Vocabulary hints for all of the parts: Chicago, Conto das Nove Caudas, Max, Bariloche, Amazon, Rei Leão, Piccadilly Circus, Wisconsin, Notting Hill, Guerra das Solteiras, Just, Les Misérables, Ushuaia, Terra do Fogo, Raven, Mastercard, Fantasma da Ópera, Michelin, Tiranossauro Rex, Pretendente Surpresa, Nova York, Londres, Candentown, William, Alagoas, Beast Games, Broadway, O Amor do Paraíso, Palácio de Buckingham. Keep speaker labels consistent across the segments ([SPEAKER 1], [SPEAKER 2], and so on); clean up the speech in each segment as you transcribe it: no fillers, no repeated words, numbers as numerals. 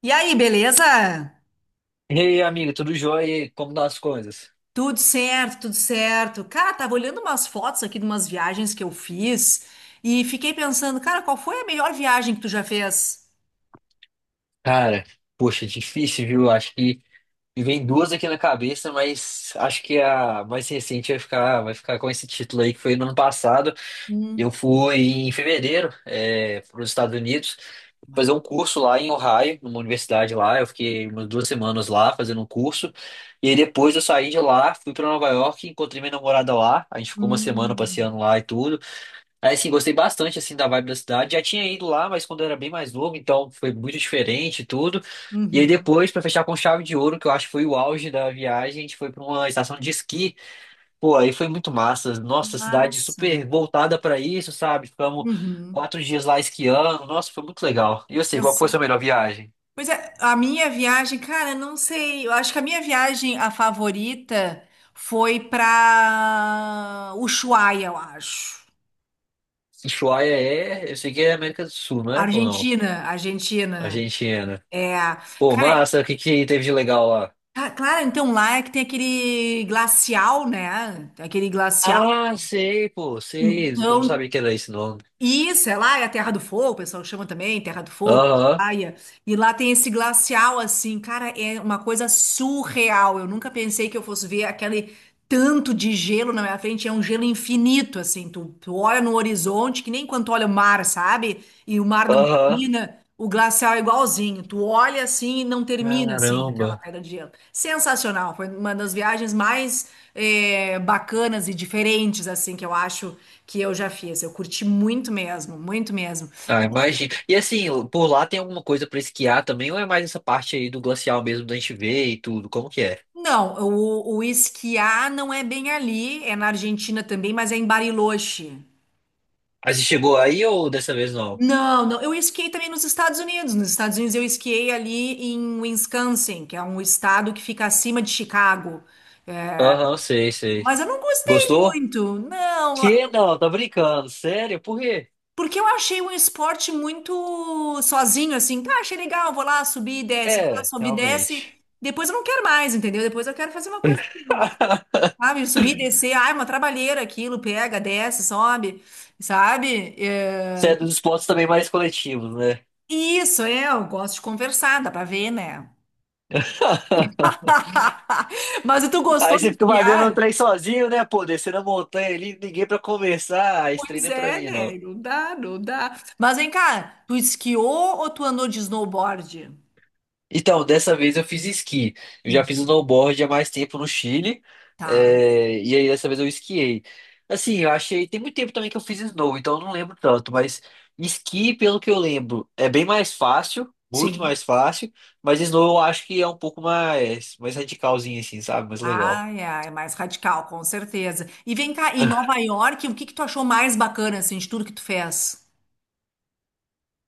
[SPEAKER 1] E aí, beleza?
[SPEAKER 2] E aí, amigo, tudo jóia? E aí, como estão as coisas?
[SPEAKER 1] Tudo certo, tudo certo. Cara, tava olhando umas fotos aqui de umas viagens que eu fiz e fiquei pensando, cara, qual foi a melhor viagem que tu já fez?
[SPEAKER 2] Cara, poxa, difícil, viu? Acho que me vem duas aqui na cabeça, mas acho que a mais recente vai ficar com esse título aí, que foi no ano passado.
[SPEAKER 1] Hum.
[SPEAKER 2] Eu fui em fevereiro, para os Estados Unidos, fazer
[SPEAKER 1] ma-
[SPEAKER 2] um curso lá em Ohio, numa universidade lá. Eu fiquei umas 2 semanas lá fazendo um curso. E aí depois eu saí de lá, fui para Nova York, encontrei minha namorada lá. A gente ficou uma semana
[SPEAKER 1] hum.
[SPEAKER 2] passeando lá e tudo. Aí, assim, gostei bastante, assim, da vibe da cidade. Já tinha ido lá, mas quando eu era bem mais novo, então foi muito diferente e tudo. E aí
[SPEAKER 1] Uhum.
[SPEAKER 2] depois, pra fechar com chave de ouro, que eu acho que foi o auge da viagem, a gente foi pra uma estação de esqui. Pô, aí foi muito massa. Nossa, cidade
[SPEAKER 1] Massa.
[SPEAKER 2] super voltada pra isso, sabe? Ficamos
[SPEAKER 1] Uhum.
[SPEAKER 2] 4 dias lá esquiando. Nossa, foi muito legal. E eu sei, qual que foi a
[SPEAKER 1] Sensacional.
[SPEAKER 2] sua melhor viagem?
[SPEAKER 1] Pois é, a minha viagem, cara, não sei. Eu acho que a minha viagem, a favorita, foi pra Ushuaia, eu acho.
[SPEAKER 2] Ushuaia é, eu sei que é América do Sul, não é? Ou não?
[SPEAKER 1] Argentina, Argentina.
[SPEAKER 2] Argentina.
[SPEAKER 1] É,
[SPEAKER 2] Pô,
[SPEAKER 1] cara.
[SPEAKER 2] massa, o que que teve de legal lá?
[SPEAKER 1] Ah, claro, então lá é que tem aquele glacial, né? Tem aquele glacial.
[SPEAKER 2] Ah, sei, pô, sei. Eu não
[SPEAKER 1] Então,
[SPEAKER 2] sabia que era esse nome.
[SPEAKER 1] isso, é lá é a Terra do Fogo, o pessoal chama também, Terra do Fogo,
[SPEAKER 2] Aham,
[SPEAKER 1] praia. E lá tem esse glacial, assim, cara, é uma coisa surreal. Eu nunca pensei que eu fosse ver aquele tanto de gelo na minha frente. É um gelo infinito, assim. Tu olha no horizonte, que nem quando tu olha o mar, sabe? E o mar não
[SPEAKER 2] aham.
[SPEAKER 1] termina. O glacial é igualzinho. Tu olha assim e não termina assim aquela
[SPEAKER 2] Caramba.
[SPEAKER 1] pedra de gelo. Sensacional. Foi uma das viagens mais bacanas e diferentes assim que eu acho que eu já fiz. Eu curti muito mesmo, muito mesmo.
[SPEAKER 2] Ah,
[SPEAKER 1] E,
[SPEAKER 2] imagina. E assim, por lá tem alguma coisa pra esquiar também, ou é mais essa parte aí do glacial mesmo da gente ver e tudo? Como que é?
[SPEAKER 1] Não, o esquiar não é bem ali. É na Argentina também, mas é em Bariloche.
[SPEAKER 2] Aí você chegou aí ou dessa vez não?
[SPEAKER 1] Não, não. Eu esquiei também nos Estados Unidos. Nos Estados Unidos eu esquiei ali em Wisconsin, que é um estado que fica acima de Chicago.
[SPEAKER 2] Aham, sei, sei.
[SPEAKER 1] Mas eu não gostei
[SPEAKER 2] Gostou?
[SPEAKER 1] muito. Não.
[SPEAKER 2] Que não, tá brincando. Sério? Por quê?
[SPEAKER 1] Porque eu achei um esporte muito sozinho, assim. Tá, achei legal, vou lá, subir e desce, vou lá,
[SPEAKER 2] É,
[SPEAKER 1] subir e desce.
[SPEAKER 2] realmente.
[SPEAKER 1] Depois eu não quero mais, entendeu? Depois eu quero fazer uma coisa, sabe? Subir e descer. Ai, uma trabalheira aquilo, pega, desce, sobe, sabe? É.
[SPEAKER 2] Você é dos esportes também mais coletivos, né?
[SPEAKER 1] Isso, é, eu gosto de conversar, dá pra ver, né? Mas tu gostou
[SPEAKER 2] Aí
[SPEAKER 1] de
[SPEAKER 2] você fica fazendo o
[SPEAKER 1] esquiar?
[SPEAKER 2] trem sozinho, né? Pô, descendo a montanha ali, ninguém pra conversar. Ah, esse trem
[SPEAKER 1] Pois
[SPEAKER 2] não é pra
[SPEAKER 1] é,
[SPEAKER 2] mim, não.
[SPEAKER 1] né? Não dá, não dá. Mas vem cá, tu esquiou ou tu andou de snowboard?
[SPEAKER 2] Então, dessa vez eu fiz esqui. Eu já
[SPEAKER 1] Hum,
[SPEAKER 2] fiz snowboard há mais tempo no Chile.
[SPEAKER 1] tá.
[SPEAKER 2] E aí dessa vez eu esquiei. Assim, eu achei. Tem muito tempo também que eu fiz snow, então eu não lembro tanto. Mas esqui, pelo que eu lembro, é bem mais fácil. Muito
[SPEAKER 1] Sim.
[SPEAKER 2] mais fácil. Mas snow eu acho que é um pouco mais, mais radicalzinho, assim, sabe? Mais legal.
[SPEAKER 1] Ai, ai, é mais radical, com certeza. E vem cá, em Nova York, o que que tu achou mais bacana, assim, de tudo que tu fez?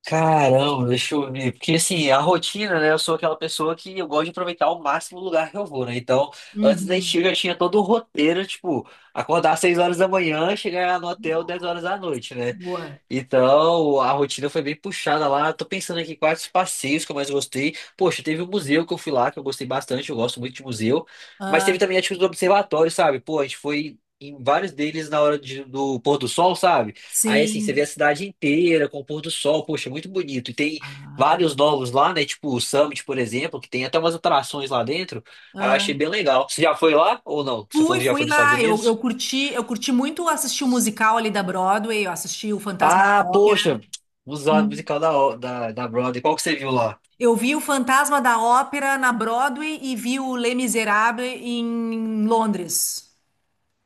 [SPEAKER 2] Caramba, deixa eu ver. Porque assim, a rotina, né? Eu sou aquela pessoa que eu gosto de aproveitar ao máximo o lugar que eu vou, né? Então, antes da gente
[SPEAKER 1] Uhum.
[SPEAKER 2] eu já tinha todo o roteiro, tipo, acordar às 6 horas da manhã, chegar no hotel 10 horas da noite, né?
[SPEAKER 1] Boa.
[SPEAKER 2] Então, a rotina foi bem puxada lá. Tô pensando aqui quais os passeios que eu mais gostei. Poxa, teve o museu que eu fui lá, que eu gostei bastante, eu gosto muito de museu. Mas teve
[SPEAKER 1] Ah,
[SPEAKER 2] também a atitude do observatório, sabe? Pô, a gente foi em vários deles na hora do pôr do sol, sabe? Aí, assim, você vê a
[SPEAKER 1] sim.
[SPEAKER 2] cidade inteira com o pôr do sol, poxa, muito bonito. E tem
[SPEAKER 1] Ah,
[SPEAKER 2] vários novos lá, né? Tipo o Summit, por exemplo, que tem até umas atrações lá dentro. Aí eu achei
[SPEAKER 1] ah.
[SPEAKER 2] bem legal. Você já foi lá ou não? Você falou
[SPEAKER 1] Fui,
[SPEAKER 2] que já foi
[SPEAKER 1] fui
[SPEAKER 2] nos Estados
[SPEAKER 1] lá. Eu, eu
[SPEAKER 2] Unidos?
[SPEAKER 1] curti, eu curti muito assistir o musical ali da Broadway, eu assisti o Fantasma
[SPEAKER 2] Ah,
[SPEAKER 1] da Ópera.
[SPEAKER 2] poxa, usado
[SPEAKER 1] Hum.
[SPEAKER 2] musical da Broadway. Qual que você viu lá?
[SPEAKER 1] Eu vi o Fantasma da Ópera na Broadway e vi o Les Misérables em Londres.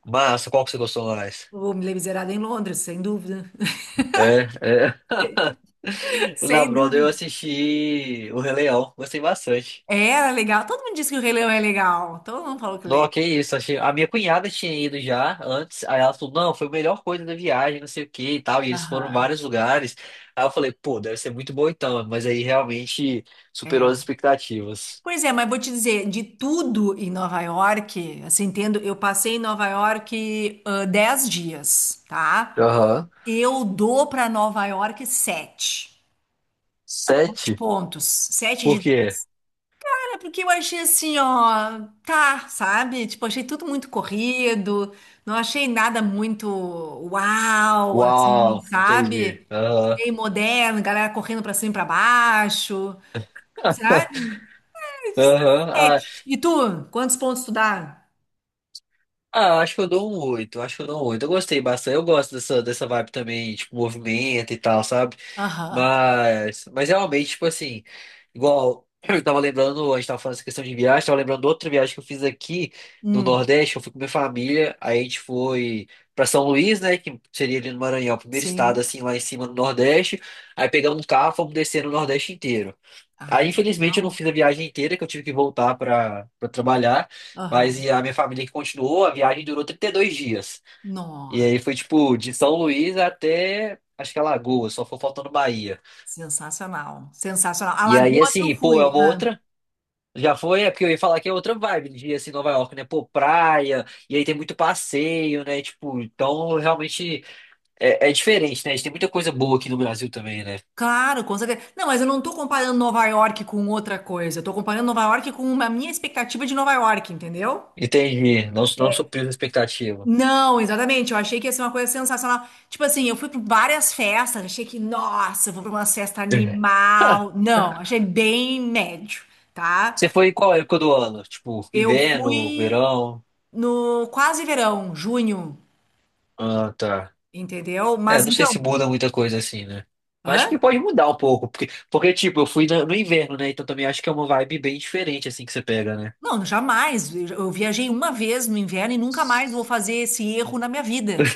[SPEAKER 2] Massa, qual que você gostou mais?
[SPEAKER 1] O Les Misérables em Londres, sem dúvida.
[SPEAKER 2] É, é. Na
[SPEAKER 1] Sem
[SPEAKER 2] Broadway eu
[SPEAKER 1] dúvida.
[SPEAKER 2] assisti O Rei Leão, gostei bastante.
[SPEAKER 1] Era legal. Todo mundo disse que o Rei Leão é legal. Todo mundo falou que é
[SPEAKER 2] Não,
[SPEAKER 1] legal.
[SPEAKER 2] que isso, achei, a minha cunhada tinha ido já antes, aí ela falou, não, foi a melhor coisa da viagem, não sei o que e tal, e eles foram em
[SPEAKER 1] Aham.
[SPEAKER 2] vários lugares. Aí eu falei, pô, deve ser muito bom então, mas aí realmente superou as
[SPEAKER 1] É.
[SPEAKER 2] expectativas.
[SPEAKER 1] Pois é, mas vou te dizer, de tudo em Nova York, assim, entendo, eu passei em Nova York 10 dias, tá?
[SPEAKER 2] Aham.
[SPEAKER 1] Eu dou para Nova York 7
[SPEAKER 2] Sete?
[SPEAKER 1] pontos. Sete
[SPEAKER 2] Por
[SPEAKER 1] de
[SPEAKER 2] quê?
[SPEAKER 1] É porque eu achei assim, ó, tá, sabe? Tipo, achei tudo muito corrido, não achei nada muito uau, assim,
[SPEAKER 2] Uau, entendi.
[SPEAKER 1] sabe?
[SPEAKER 2] Aham.
[SPEAKER 1] Meio moderno, galera correndo pra cima e pra baixo, sabe?
[SPEAKER 2] Aham,
[SPEAKER 1] Sete.
[SPEAKER 2] Ah,
[SPEAKER 1] E tu, quantos pontos tu dá?
[SPEAKER 2] ah, acho que eu dou um 8, acho que eu dou um 8. Eu gostei bastante, eu gosto dessa, dessa vibe também, tipo, movimento e tal, sabe?
[SPEAKER 1] Aham.
[SPEAKER 2] Mas realmente, tipo assim, igual eu tava lembrando, a gente tava falando essa questão de viagem, tava lembrando de outra viagem que eu fiz aqui no
[SPEAKER 1] Hum,
[SPEAKER 2] Nordeste, eu fui com minha família, aí a gente foi pra São Luís, né, que seria ali no Maranhão, o primeiro estado,
[SPEAKER 1] sim.
[SPEAKER 2] assim, lá em cima no Nordeste, aí pegamos um carro, fomos descer no Nordeste inteiro.
[SPEAKER 1] Ah,
[SPEAKER 2] Aí, infelizmente, eu não
[SPEAKER 1] legal.
[SPEAKER 2] fiz a viagem inteira, que eu tive que voltar para trabalhar, mas
[SPEAKER 1] Aham.
[SPEAKER 2] e a minha família que continuou, a viagem durou 32 dias. E
[SPEAKER 1] Nossa,
[SPEAKER 2] aí foi, tipo, de São Luís até, acho que Alagoas, só foi faltando Bahia.
[SPEAKER 1] sensacional, sensacional.
[SPEAKER 2] E aí,
[SPEAKER 1] Alagoas eu
[SPEAKER 2] assim, pô, é
[SPEAKER 1] fui.
[SPEAKER 2] uma outra, já foi, é porque eu ia falar que é outra vibe de, assim, Nova York, né? Pô, praia, e aí tem muito passeio, né? Tipo, então, realmente, é, é diferente, né? A gente tem muita coisa boa aqui no Brasil também, né?
[SPEAKER 1] Claro, com certeza. Não, mas eu não tô comparando Nova York com outra coisa. Eu tô comparando Nova York com a minha expectativa de Nova York, entendeu?
[SPEAKER 2] Entendi, não, não supriu a expectativa.
[SPEAKER 1] Não, exatamente. Eu achei que ia ser uma coisa sensacional. Tipo assim, eu fui para várias festas, achei que, nossa, eu vou para uma festa animal. Não, achei bem médio, tá?
[SPEAKER 2] Você foi em qual época do ano? Tipo,
[SPEAKER 1] Eu
[SPEAKER 2] inverno,
[SPEAKER 1] fui
[SPEAKER 2] verão?
[SPEAKER 1] no quase verão, junho,
[SPEAKER 2] Ah, tá.
[SPEAKER 1] entendeu?
[SPEAKER 2] É,
[SPEAKER 1] Mas
[SPEAKER 2] não sei
[SPEAKER 1] então,
[SPEAKER 2] se muda muita coisa assim, né? Mas acho que
[SPEAKER 1] hã?
[SPEAKER 2] pode mudar um pouco, porque tipo, eu fui no inverno, né? Então também acho que é uma vibe bem diferente, assim, que você pega, né?
[SPEAKER 1] Não, jamais. Eu viajei uma vez no inverno e nunca mais vou fazer esse erro na minha vida.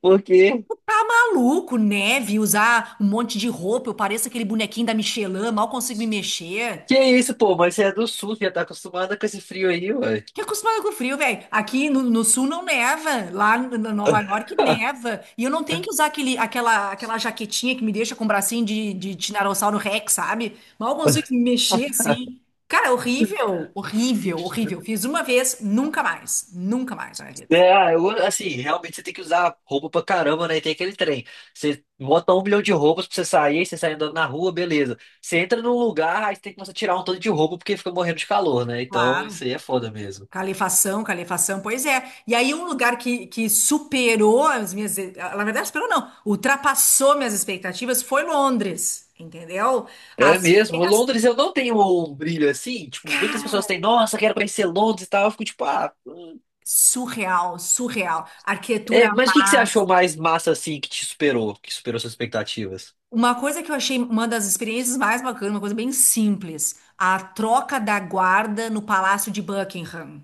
[SPEAKER 2] Porque,
[SPEAKER 1] Tá maluco, neve, usar um monte de roupa, eu pareço aquele bonequinho da Michelin, mal consigo me mexer.
[SPEAKER 2] que isso, pô, mas você é do sul, já tá acostumada com esse frio aí, ué.
[SPEAKER 1] Que acostumado com o frio, velho. Aqui no sul não neva, lá em Nova York neva. E eu não tenho que usar aquele, aquela jaquetinha que me deixa com o bracinho de Tiranossauro Rex, sabe? Mal consigo me mexer assim. Cara, horrível, horrível, horrível. Fiz uma vez, nunca mais, nunca mais na minha vida.
[SPEAKER 2] É, ah, eu, assim, realmente você tem que usar roupa pra caramba, né? E tem aquele trem. Você bota um milhão de roupas pra você sair, aí você sai andando na rua, beleza. Você entra num lugar, aí você tem que começar a tirar um tanto de roupa porque fica morrendo de calor, né? Então
[SPEAKER 1] Claro.
[SPEAKER 2] isso aí é foda mesmo.
[SPEAKER 1] Calefação, calefação, pois é. E aí um lugar que superou as minhas, na verdade superou não, ultrapassou minhas expectativas foi Londres, entendeu? As
[SPEAKER 2] É mesmo.
[SPEAKER 1] festas,
[SPEAKER 2] Londres eu não tenho um brilho assim. Tipo, muitas
[SPEAKER 1] cara,
[SPEAKER 2] pessoas têm, nossa, quero conhecer Londres e tal. Eu fico tipo, ah. Hum.
[SPEAKER 1] surreal, surreal. Arquitetura
[SPEAKER 2] É, mas o que que você
[SPEAKER 1] massa.
[SPEAKER 2] achou mais massa assim que te superou, que superou suas expectativas?
[SPEAKER 1] Uma coisa que eu achei uma das experiências mais bacanas, uma coisa bem simples, a troca da guarda no Palácio de Buckingham.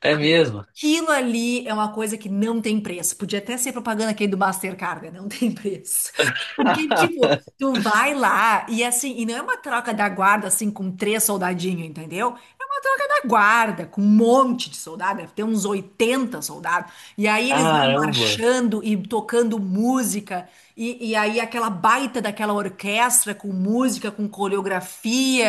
[SPEAKER 2] É mesmo.
[SPEAKER 1] Aquilo ali é uma coisa que não tem preço. Podia até ser propaganda aqui do Mastercard, né? Não tem preço. Porque, tipo, tu vai lá e assim, e não é uma troca da guarda assim com três soldadinhos, entendeu? É uma troca da guarda com um monte de soldado, deve ter uns 80 soldados. E aí eles vão
[SPEAKER 2] Caramba.
[SPEAKER 1] marchando e tocando música, e aí aquela baita daquela orquestra com música, com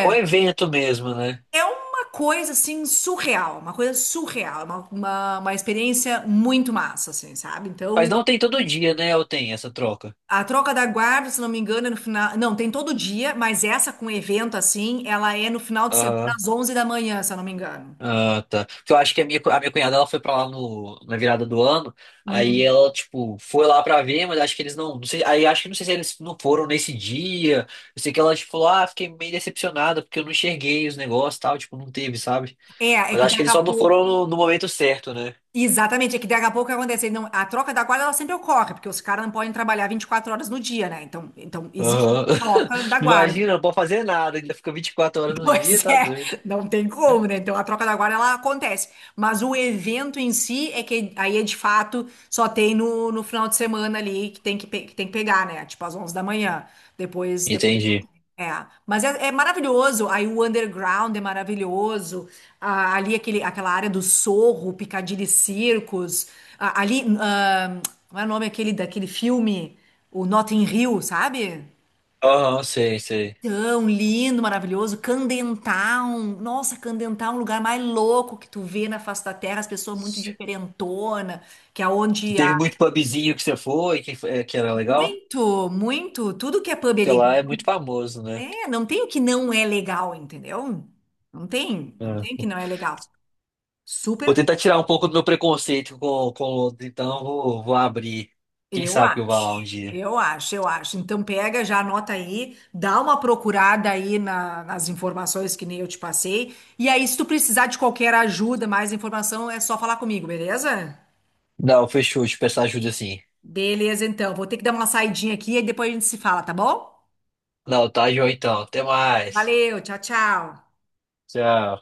[SPEAKER 2] É um evento mesmo, né?
[SPEAKER 1] É uma coisa assim surreal, uma coisa surreal, é uma experiência muito massa, assim, sabe?
[SPEAKER 2] Mas
[SPEAKER 1] Então,
[SPEAKER 2] não tem todo dia, né? Ou tem essa troca?
[SPEAKER 1] a troca da guarda, se não me engano, é no final. Não, tem todo dia, mas essa com evento assim, ela é no final de semana
[SPEAKER 2] Aham.
[SPEAKER 1] às 11 da manhã, se eu não me engano.
[SPEAKER 2] Ah, tá. Porque eu acho que a minha, a minha cunhada ela foi pra lá no, na virada do ano. Aí
[SPEAKER 1] Hum.
[SPEAKER 2] ela, tipo, foi lá pra ver, mas acho que eles não sei, aí acho que não sei se eles não foram nesse dia. Eu sei que ela, tipo, falou, ah, fiquei meio decepcionada porque eu não enxerguei os negócios e tal. Tipo, não teve, sabe?
[SPEAKER 1] É
[SPEAKER 2] Mas
[SPEAKER 1] que
[SPEAKER 2] acho que
[SPEAKER 1] daqui
[SPEAKER 2] eles
[SPEAKER 1] a
[SPEAKER 2] só não
[SPEAKER 1] pouco.
[SPEAKER 2] foram no momento certo, né?
[SPEAKER 1] Exatamente, é que daqui a pouco o que acontece. Não, a troca da guarda ela sempre ocorre, porque os caras não podem trabalhar 24 horas no dia, né? Então existe uma
[SPEAKER 2] Aham.
[SPEAKER 1] troca da guarda.
[SPEAKER 2] Imagina, não pode fazer nada, ainda fica 24 horas no dia,
[SPEAKER 1] Pois
[SPEAKER 2] tá
[SPEAKER 1] é,
[SPEAKER 2] doido.
[SPEAKER 1] não tem como, né? Então a troca da guarda ela acontece. Mas o evento em si é que aí é de fato só tem no final de semana ali que tem que pegar, né? Tipo às 11 da manhã. Depois não
[SPEAKER 2] Entendi.
[SPEAKER 1] tem. É, mas é maravilhoso. Aí o underground é maravilhoso. Ah, ali aquele, aquela área do Sorro, Piccadilly Circus. Ah, ali, como é o nome aquele daquele filme, o Notting Hill, sabe?
[SPEAKER 2] Aham, sei, sei.
[SPEAKER 1] Tão lindo, maravilhoso. Candentown. Nossa, Candentown é um lugar mais louco que tu vê na face da terra, as pessoas muito diferentona, que é onde há
[SPEAKER 2] Teve muito pubzinho que você foi, que era legal?
[SPEAKER 1] muito, muito, tudo que é pub é
[SPEAKER 2] Sei lá,
[SPEAKER 1] legal.
[SPEAKER 2] é muito famoso, né?
[SPEAKER 1] É, não tem o que não é legal, entendeu? Não tem, não
[SPEAKER 2] É.
[SPEAKER 1] tem o que não é legal.
[SPEAKER 2] Vou
[SPEAKER 1] Super
[SPEAKER 2] tentar tirar um pouco do meu preconceito com Londres, então eu vou abrir. Quem
[SPEAKER 1] Eu
[SPEAKER 2] sabe que eu vá
[SPEAKER 1] acho,
[SPEAKER 2] lá um dia.
[SPEAKER 1] eu acho, eu acho. Então pega, já anota aí, dá uma procurada aí nas informações que nem eu te passei. E aí, se tu precisar de qualquer ajuda, mais informação, é só falar comigo, beleza?
[SPEAKER 2] Não, fechou, te peço ajuda sim.
[SPEAKER 1] Beleza, então. Vou ter que dar uma saidinha aqui e depois a gente se fala, tá bom?
[SPEAKER 2] Não, tá, João, então. Até mais.
[SPEAKER 1] Valeu, tchau, tchau.
[SPEAKER 2] Tchau.